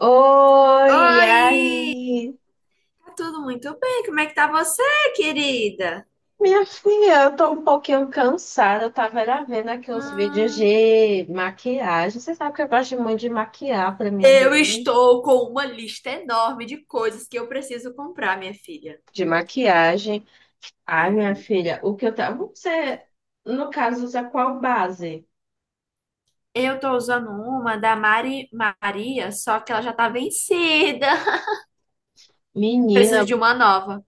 Oi, e Oi, aí? tá tudo muito bem? Como é que tá você, querida? Minha filha, eu tô um pouquinho cansada. Eu tava era vendo aqui os vídeos Hum, de maquiagem. Você sabe que eu gosto muito de maquiar, pra mim é eu bem estou com uma lista enorme de coisas que eu preciso comprar, minha filha. de maquiagem. Ai, minha Uhum. filha, o que eu tava. Você, no caso, usa qual base? Eu tô usando uma da Mari Maria, só que ela já tá vencida. Menina, Preciso de uma nova.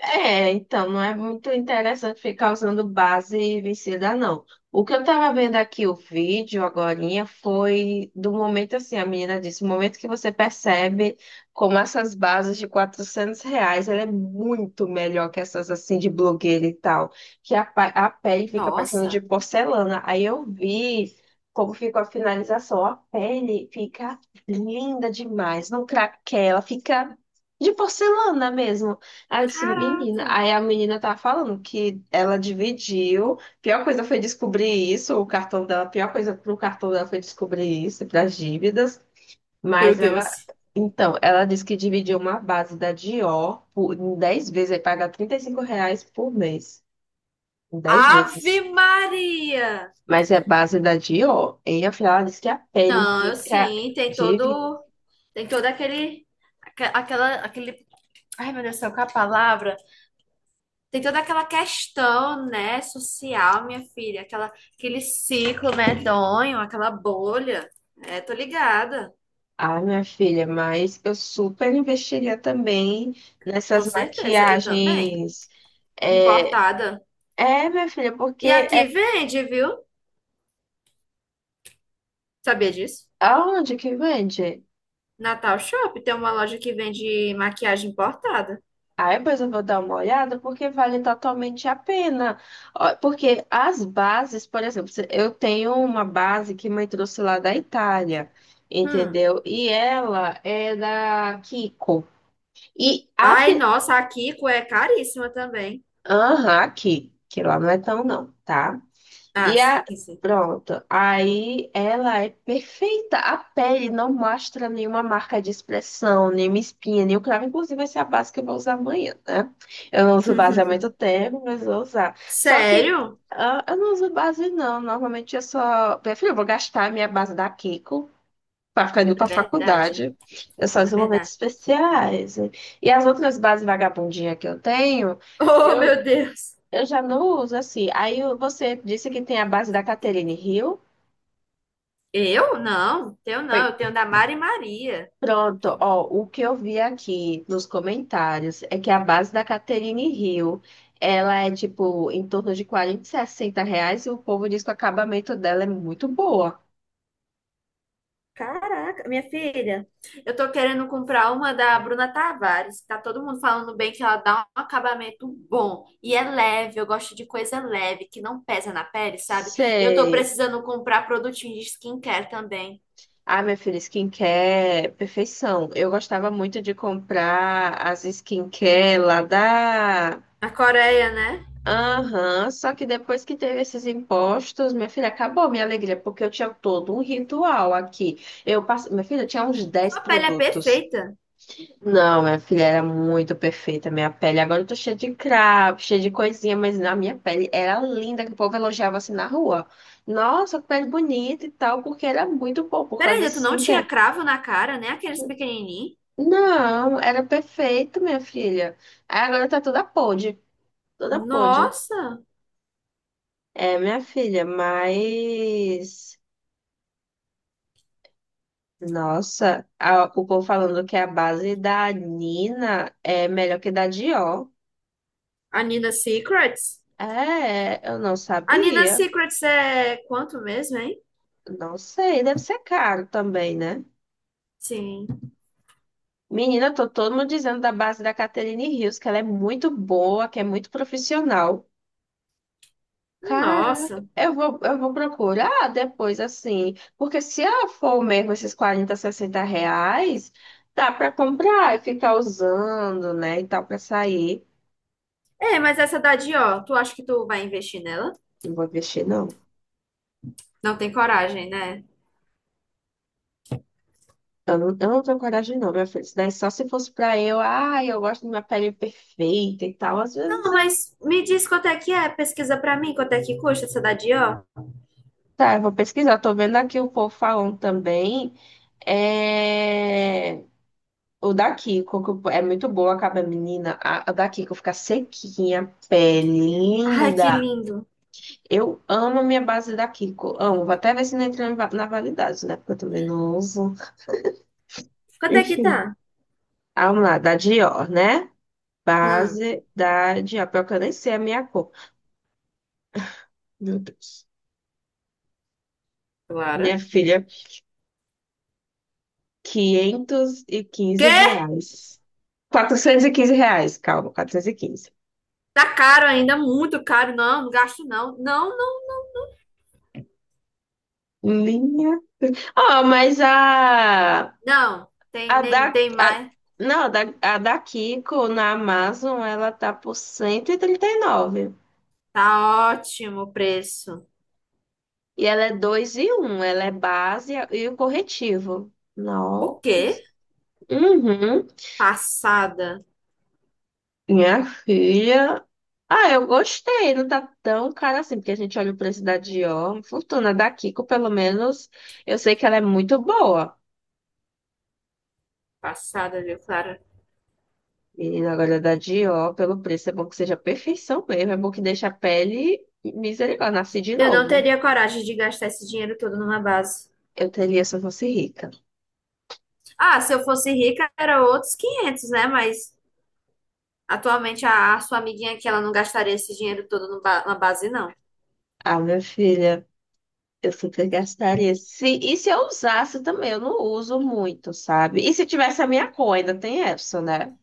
é, então, não é muito interessante ficar usando base vencida, não. O que eu tava vendo aqui, o vídeo agorinha, foi do momento assim, a menina disse, o momento que você percebe como essas bases de 400 reais, ela é muito melhor que essas assim de blogueira e tal, que a pele fica parecendo de Nossa, porcelana. Aí eu vi como ficou a finalização, a pele fica linda demais, não craquela, fica de porcelana mesmo. Aí eu disse, menina. caraca. Aí a menina tá falando que ela dividiu. Pior coisa foi descobrir isso, o cartão dela. Pior coisa pro cartão dela foi descobrir isso, pras dívidas. Meu Mas ela. Deus. Então, ela disse que dividiu uma base da Dior por, em 10 vezes, aí paga 35 reais por mês. Em 10 Ave vezes. Maria! Mas é base da Dior. E afinal, ela disse que a pele Não, eu fica. sim, Dívida. Tem todo aquele, aque- aquela, aquele, ai meu Deus do céu, qual é a palavra? Tem toda aquela questão, né, social, minha filha, aquela, aquele ciclo medonho, aquela bolha. É, tô ligada, Ah, minha filha, mas eu super investiria também com nessas certeza, eu também. maquiagens. É, Importada. é, minha filha, porque E é aqui vende, viu? Sabia disso? aonde que vende? Natal Shop tem uma loja que vende maquiagem importada. Aí depois eu vou dar uma olhada porque vale totalmente a pena. Ó, porque as bases, por exemplo, eu tenho uma base que mãe trouxe lá da Itália, Hum. entendeu? E ela é da Kiko. E a, Ai, fi- nossa, a Kiko é caríssima também. aham, aqui, que lá não é tão não, tá? Ah, E a... sim, sim. Pronto. Aí ela é perfeita. A pele não mostra nenhuma marca de expressão, nenhuma espinha, nenhum cravo. Inclusive, vai ser a base que eu vou usar amanhã, né? Eu não uso base há muito tempo, mas vou usar. Só que Sério? ah, eu não uso base, não. Normalmente eu só... Prefiro, eu vou gastar a minha base da Kiko para ficar indo É para verdade, faculdade. Eu só é uso em momentos verdade. especiais. E as outras bases vagabundinhas que eu tenho, Oh, eu meu Deus. eu já não uso assim. Aí você disse que tem a base da Catherine Hill. Eu? Não, teu Foi. não, eu tenho da Mari Maria. Pronto, ó, o que eu vi aqui nos comentários é que a base da Catherine Hill, ela é tipo em torno de 40, 60 reais, e o povo diz que o acabamento dela é muito boa. Caraca, minha filha, eu tô querendo comprar uma da Bruna Tavares. Tá todo mundo falando bem que ela dá um acabamento bom e é leve. Eu gosto de coisa leve, que não pesa na pele, sabe? E eu tô Sei. precisando comprar produtinho de skincare também. Ah, minha filha, skincare, perfeição. Eu gostava muito de comprar as skincare lá da... Na Coreia, né? Aham, só que depois que teve esses impostos, minha filha, acabou minha alegria, porque eu tinha todo um ritual aqui. Minha filha, eu tinha uns 10 Sua pele é produtos. perfeita. Não, minha filha, era muito perfeita minha pele. Agora eu tô cheia de cravo, cheia de coisinha, mas na minha pele era linda, que o povo elogiava assim na rua. Nossa, que pele bonita e tal, porque era muito bom por causa Peraí, dessa tu não tinha skincare. cravo na cara, né? Aqueles pequenininhos? Não, era perfeito, minha filha. Aí agora tá toda podre, toda podre. Nossa! É, minha filha, mas, nossa, o povo falando que a base da Nina é melhor que da Dior. A Nina Secrets? É, eu não A Nina sabia. Secrets é quanto mesmo, hein? Não sei, deve ser caro também, né? Sim. Menina, tô todo mundo dizendo da base da Catherine Rios, que ela é muito boa, que é muito profissional. Caraca, Nossa. eu vou procurar depois, assim. Porque se ela for mesmo esses 40, 60 reais, dá pra comprar e ficar usando, né? E tal, pra sair. É, mas essa da Dior, tu acha que tu vai investir nela? Não vou investir, não. Não tem coragem, né? Eu não tenho coragem, não, minha filha. Isso daí só se fosse pra eu, ai, eu gosto de minha pele perfeita e tal. Às vezes Não, eu. mas me diz quanto é que é, pesquisa pra mim quanto é que custa essa da Dior. Tá, eu vou pesquisar. Tô vendo aqui o povo falando também. É. O da Kiko, que é muito boa acaba menina. A da Kiko fica sequinha, pele Ai, que linda. lindo. Eu amo a minha base da Kiko. Amo. Vou até ver se não entra na validade, né? Porque eu também não uso. Quanto é que Enfim. tá? Ah, vamos lá, da Dior, né? Hum, Base da Dior. Pior que eu nem sei a minha cor. Meu Deus. Minha Clara. filha, 515 Quê? reais. 415 reais, calma, 415. Tá caro ainda, muito caro. Não, não gasto não. Não, não, Minha. Ó, mas não. Tem a nem da. tem a- mais. não, a da Kiko na Amazon, ela tá por 130 e nove. Tá ótimo o preço. E ela é 2 e um, ela é base e o corretivo. O Nossa. quê? Uhum. Passada. Minha filha. Ah, eu gostei, não tá tão cara assim, porque a gente olha o preço da Dior. Fortuna da Kiko, pelo menos, eu sei que ela é muito boa. Passada, viu, Clara? E agora da Dior, pelo preço, é bom que seja perfeição mesmo, é bom que deixe a pele misericórdia, nasce de Eu não novo. teria coragem de gastar esse dinheiro todo numa base. Eu teria se eu fosse rica. Ah, se eu fosse rica, era outros 500, né? Mas atualmente a sua amiguinha aqui, ela não gastaria esse dinheiro todo na base, não. Ah, minha filha, eu super gastaria. Se, e se eu usasse também, eu não uso muito, sabe? E se tivesse a minha cor, ainda tem essa, né?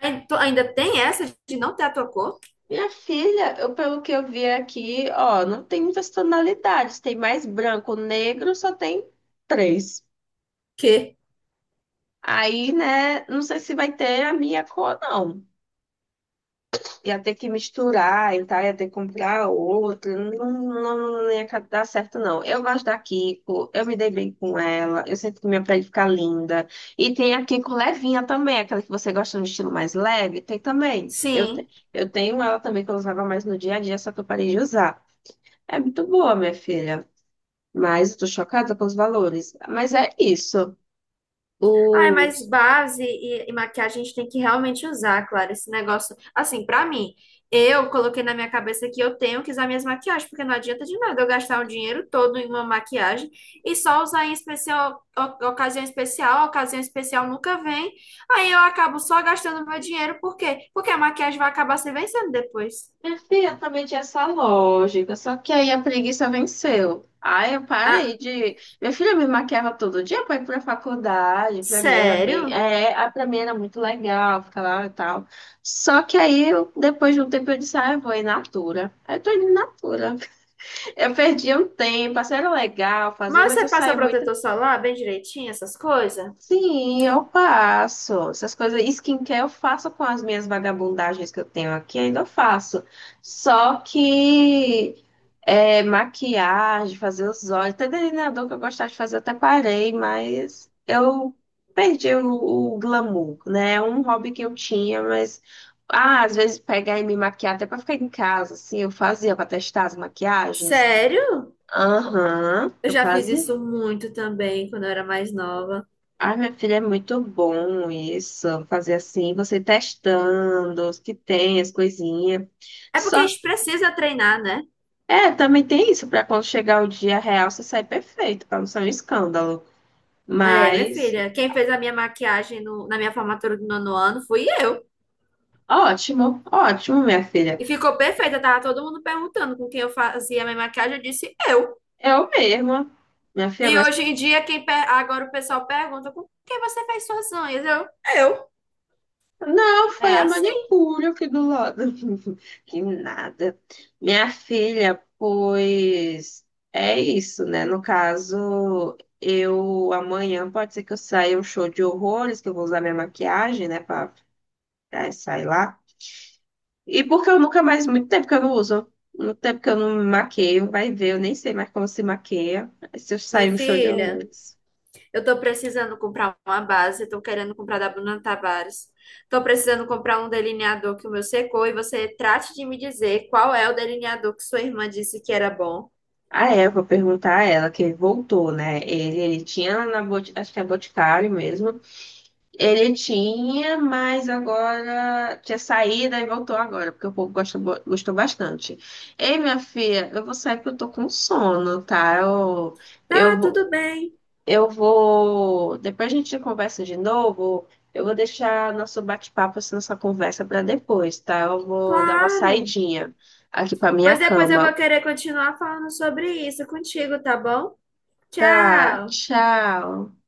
Ai, tu ainda tem essa de não ter a tua cor? Minha filha, eu, pelo que eu vi aqui, ó, não tem muitas tonalidades, tem mais branco, negro, só tem três. Que Aí, né, não sei se vai ter a minha cor, não. Ia ter que misturar e tal, ia ter que comprar outra, não, não, não ia dar certo, não. Eu gosto da Kiko, eu me dei bem com ela, eu sinto que minha pele fica linda. E tem a Kiko levinha também, aquela que você gosta no estilo mais leve, tem também. Eu, te- sim. eu tenho ela também que eu usava mais no dia a dia, só que eu parei de usar. É muito boa, minha filha. Mas eu tô chocada com os valores. Mas é isso. Ai, mas Os... base e maquiagem a gente tem que realmente usar, claro, esse negócio. Assim, pra mim, eu coloquei na minha cabeça que eu tenho que usar minhas maquiagens, porque não adianta de nada eu gastar o dinheiro todo em uma maquiagem e só usar em especial, ocasião especial, ocasião especial nunca vem. Aí eu acabo só gastando meu dinheiro, por quê? Porque a maquiagem vai acabar se vencendo depois. Minha filha também tinha essa lógica, só que aí a preguiça venceu. Aí eu Ah, parei de. Minha filha me maquiava todo dia para ir pra faculdade. Pra mim era bem. sério? É, pra mim era muito legal ficar lá e tal. Só que aí, depois de um tempo, eu disse: ah, eu vou em Natura. Aí eu tô indo em Natura. Eu perdi um tempo, assim, era legal fazer, Mas mas você eu passa saí muito. protetor solar bem direitinho, essas coisas? Sim, eu faço. Essas coisas, skincare eu faço com as minhas vagabundagens que eu tenho aqui, ainda eu faço. Só que é, maquiagem, fazer os olhos, até delineador que eu gostava de fazer, eu até parei, mas eu perdi o glamour, né? É um hobby que eu tinha, mas ah, às vezes pegar e me maquiar até pra ficar em casa, assim, eu fazia pra testar as maquiagens. Sério? Aham, Eu eu já fiz fazia. isso muito também quando eu era mais nova. Ai, minha filha, é muito bom isso, fazer assim, você testando os que tem, as coisinhas. É porque a Só, gente precisa treinar, né? é, também tem isso, para quando chegar o dia real, você sair perfeito, para não ser um escândalo. É, minha Mas, filha, quem fez a minha maquiagem na minha formatura do nono ano fui eu. ótimo, ótimo, minha filha. E ficou perfeita, tava todo mundo perguntando com quem eu fazia a minha maquiagem, eu disse eu. Eu mesma, minha E filha. hoje em dia, agora o pessoal pergunta com quem você fez suas unhas? Eu, eu. Não, É foi a assim, manicure aqui do lado. Que nada. Minha filha, pois é isso, né? No caso, eu amanhã pode ser que eu saia um show de horrores, que eu vou usar minha maquiagem, né, pra sair lá. E porque eu nunca mais, muito tempo que eu não uso, muito tempo que eu não me maqueio, vai ver, eu nem sei mais como se maqueia. Se eu minha sair um show de filha. horrores. Eu tô precisando comprar uma base, tô querendo comprar da Bruna Tavares. Tô precisando comprar um delineador que o meu secou e você trate de me dizer qual é o delineador que sua irmã disse que era bom. Ah, é, eu vou perguntar a ela, que ele voltou, né? Ele tinha acho que é Boticário mesmo. Ele tinha, mas agora tinha saída e voltou agora, porque o povo gosta, gostou bastante. Ei, minha filha, eu vou sair porque eu tô com sono, tá? Tá, eu, vou- tudo bem, eu vou. Depois a gente conversa de novo. Eu vou deixar nosso bate-papo, assim, nossa conversa para depois, tá? Eu vou dar uma claro. saidinha aqui para minha Pois depois eu vou cama. querer continuar falando sobre isso contigo, tá bom? Tá, Tchau. tchau.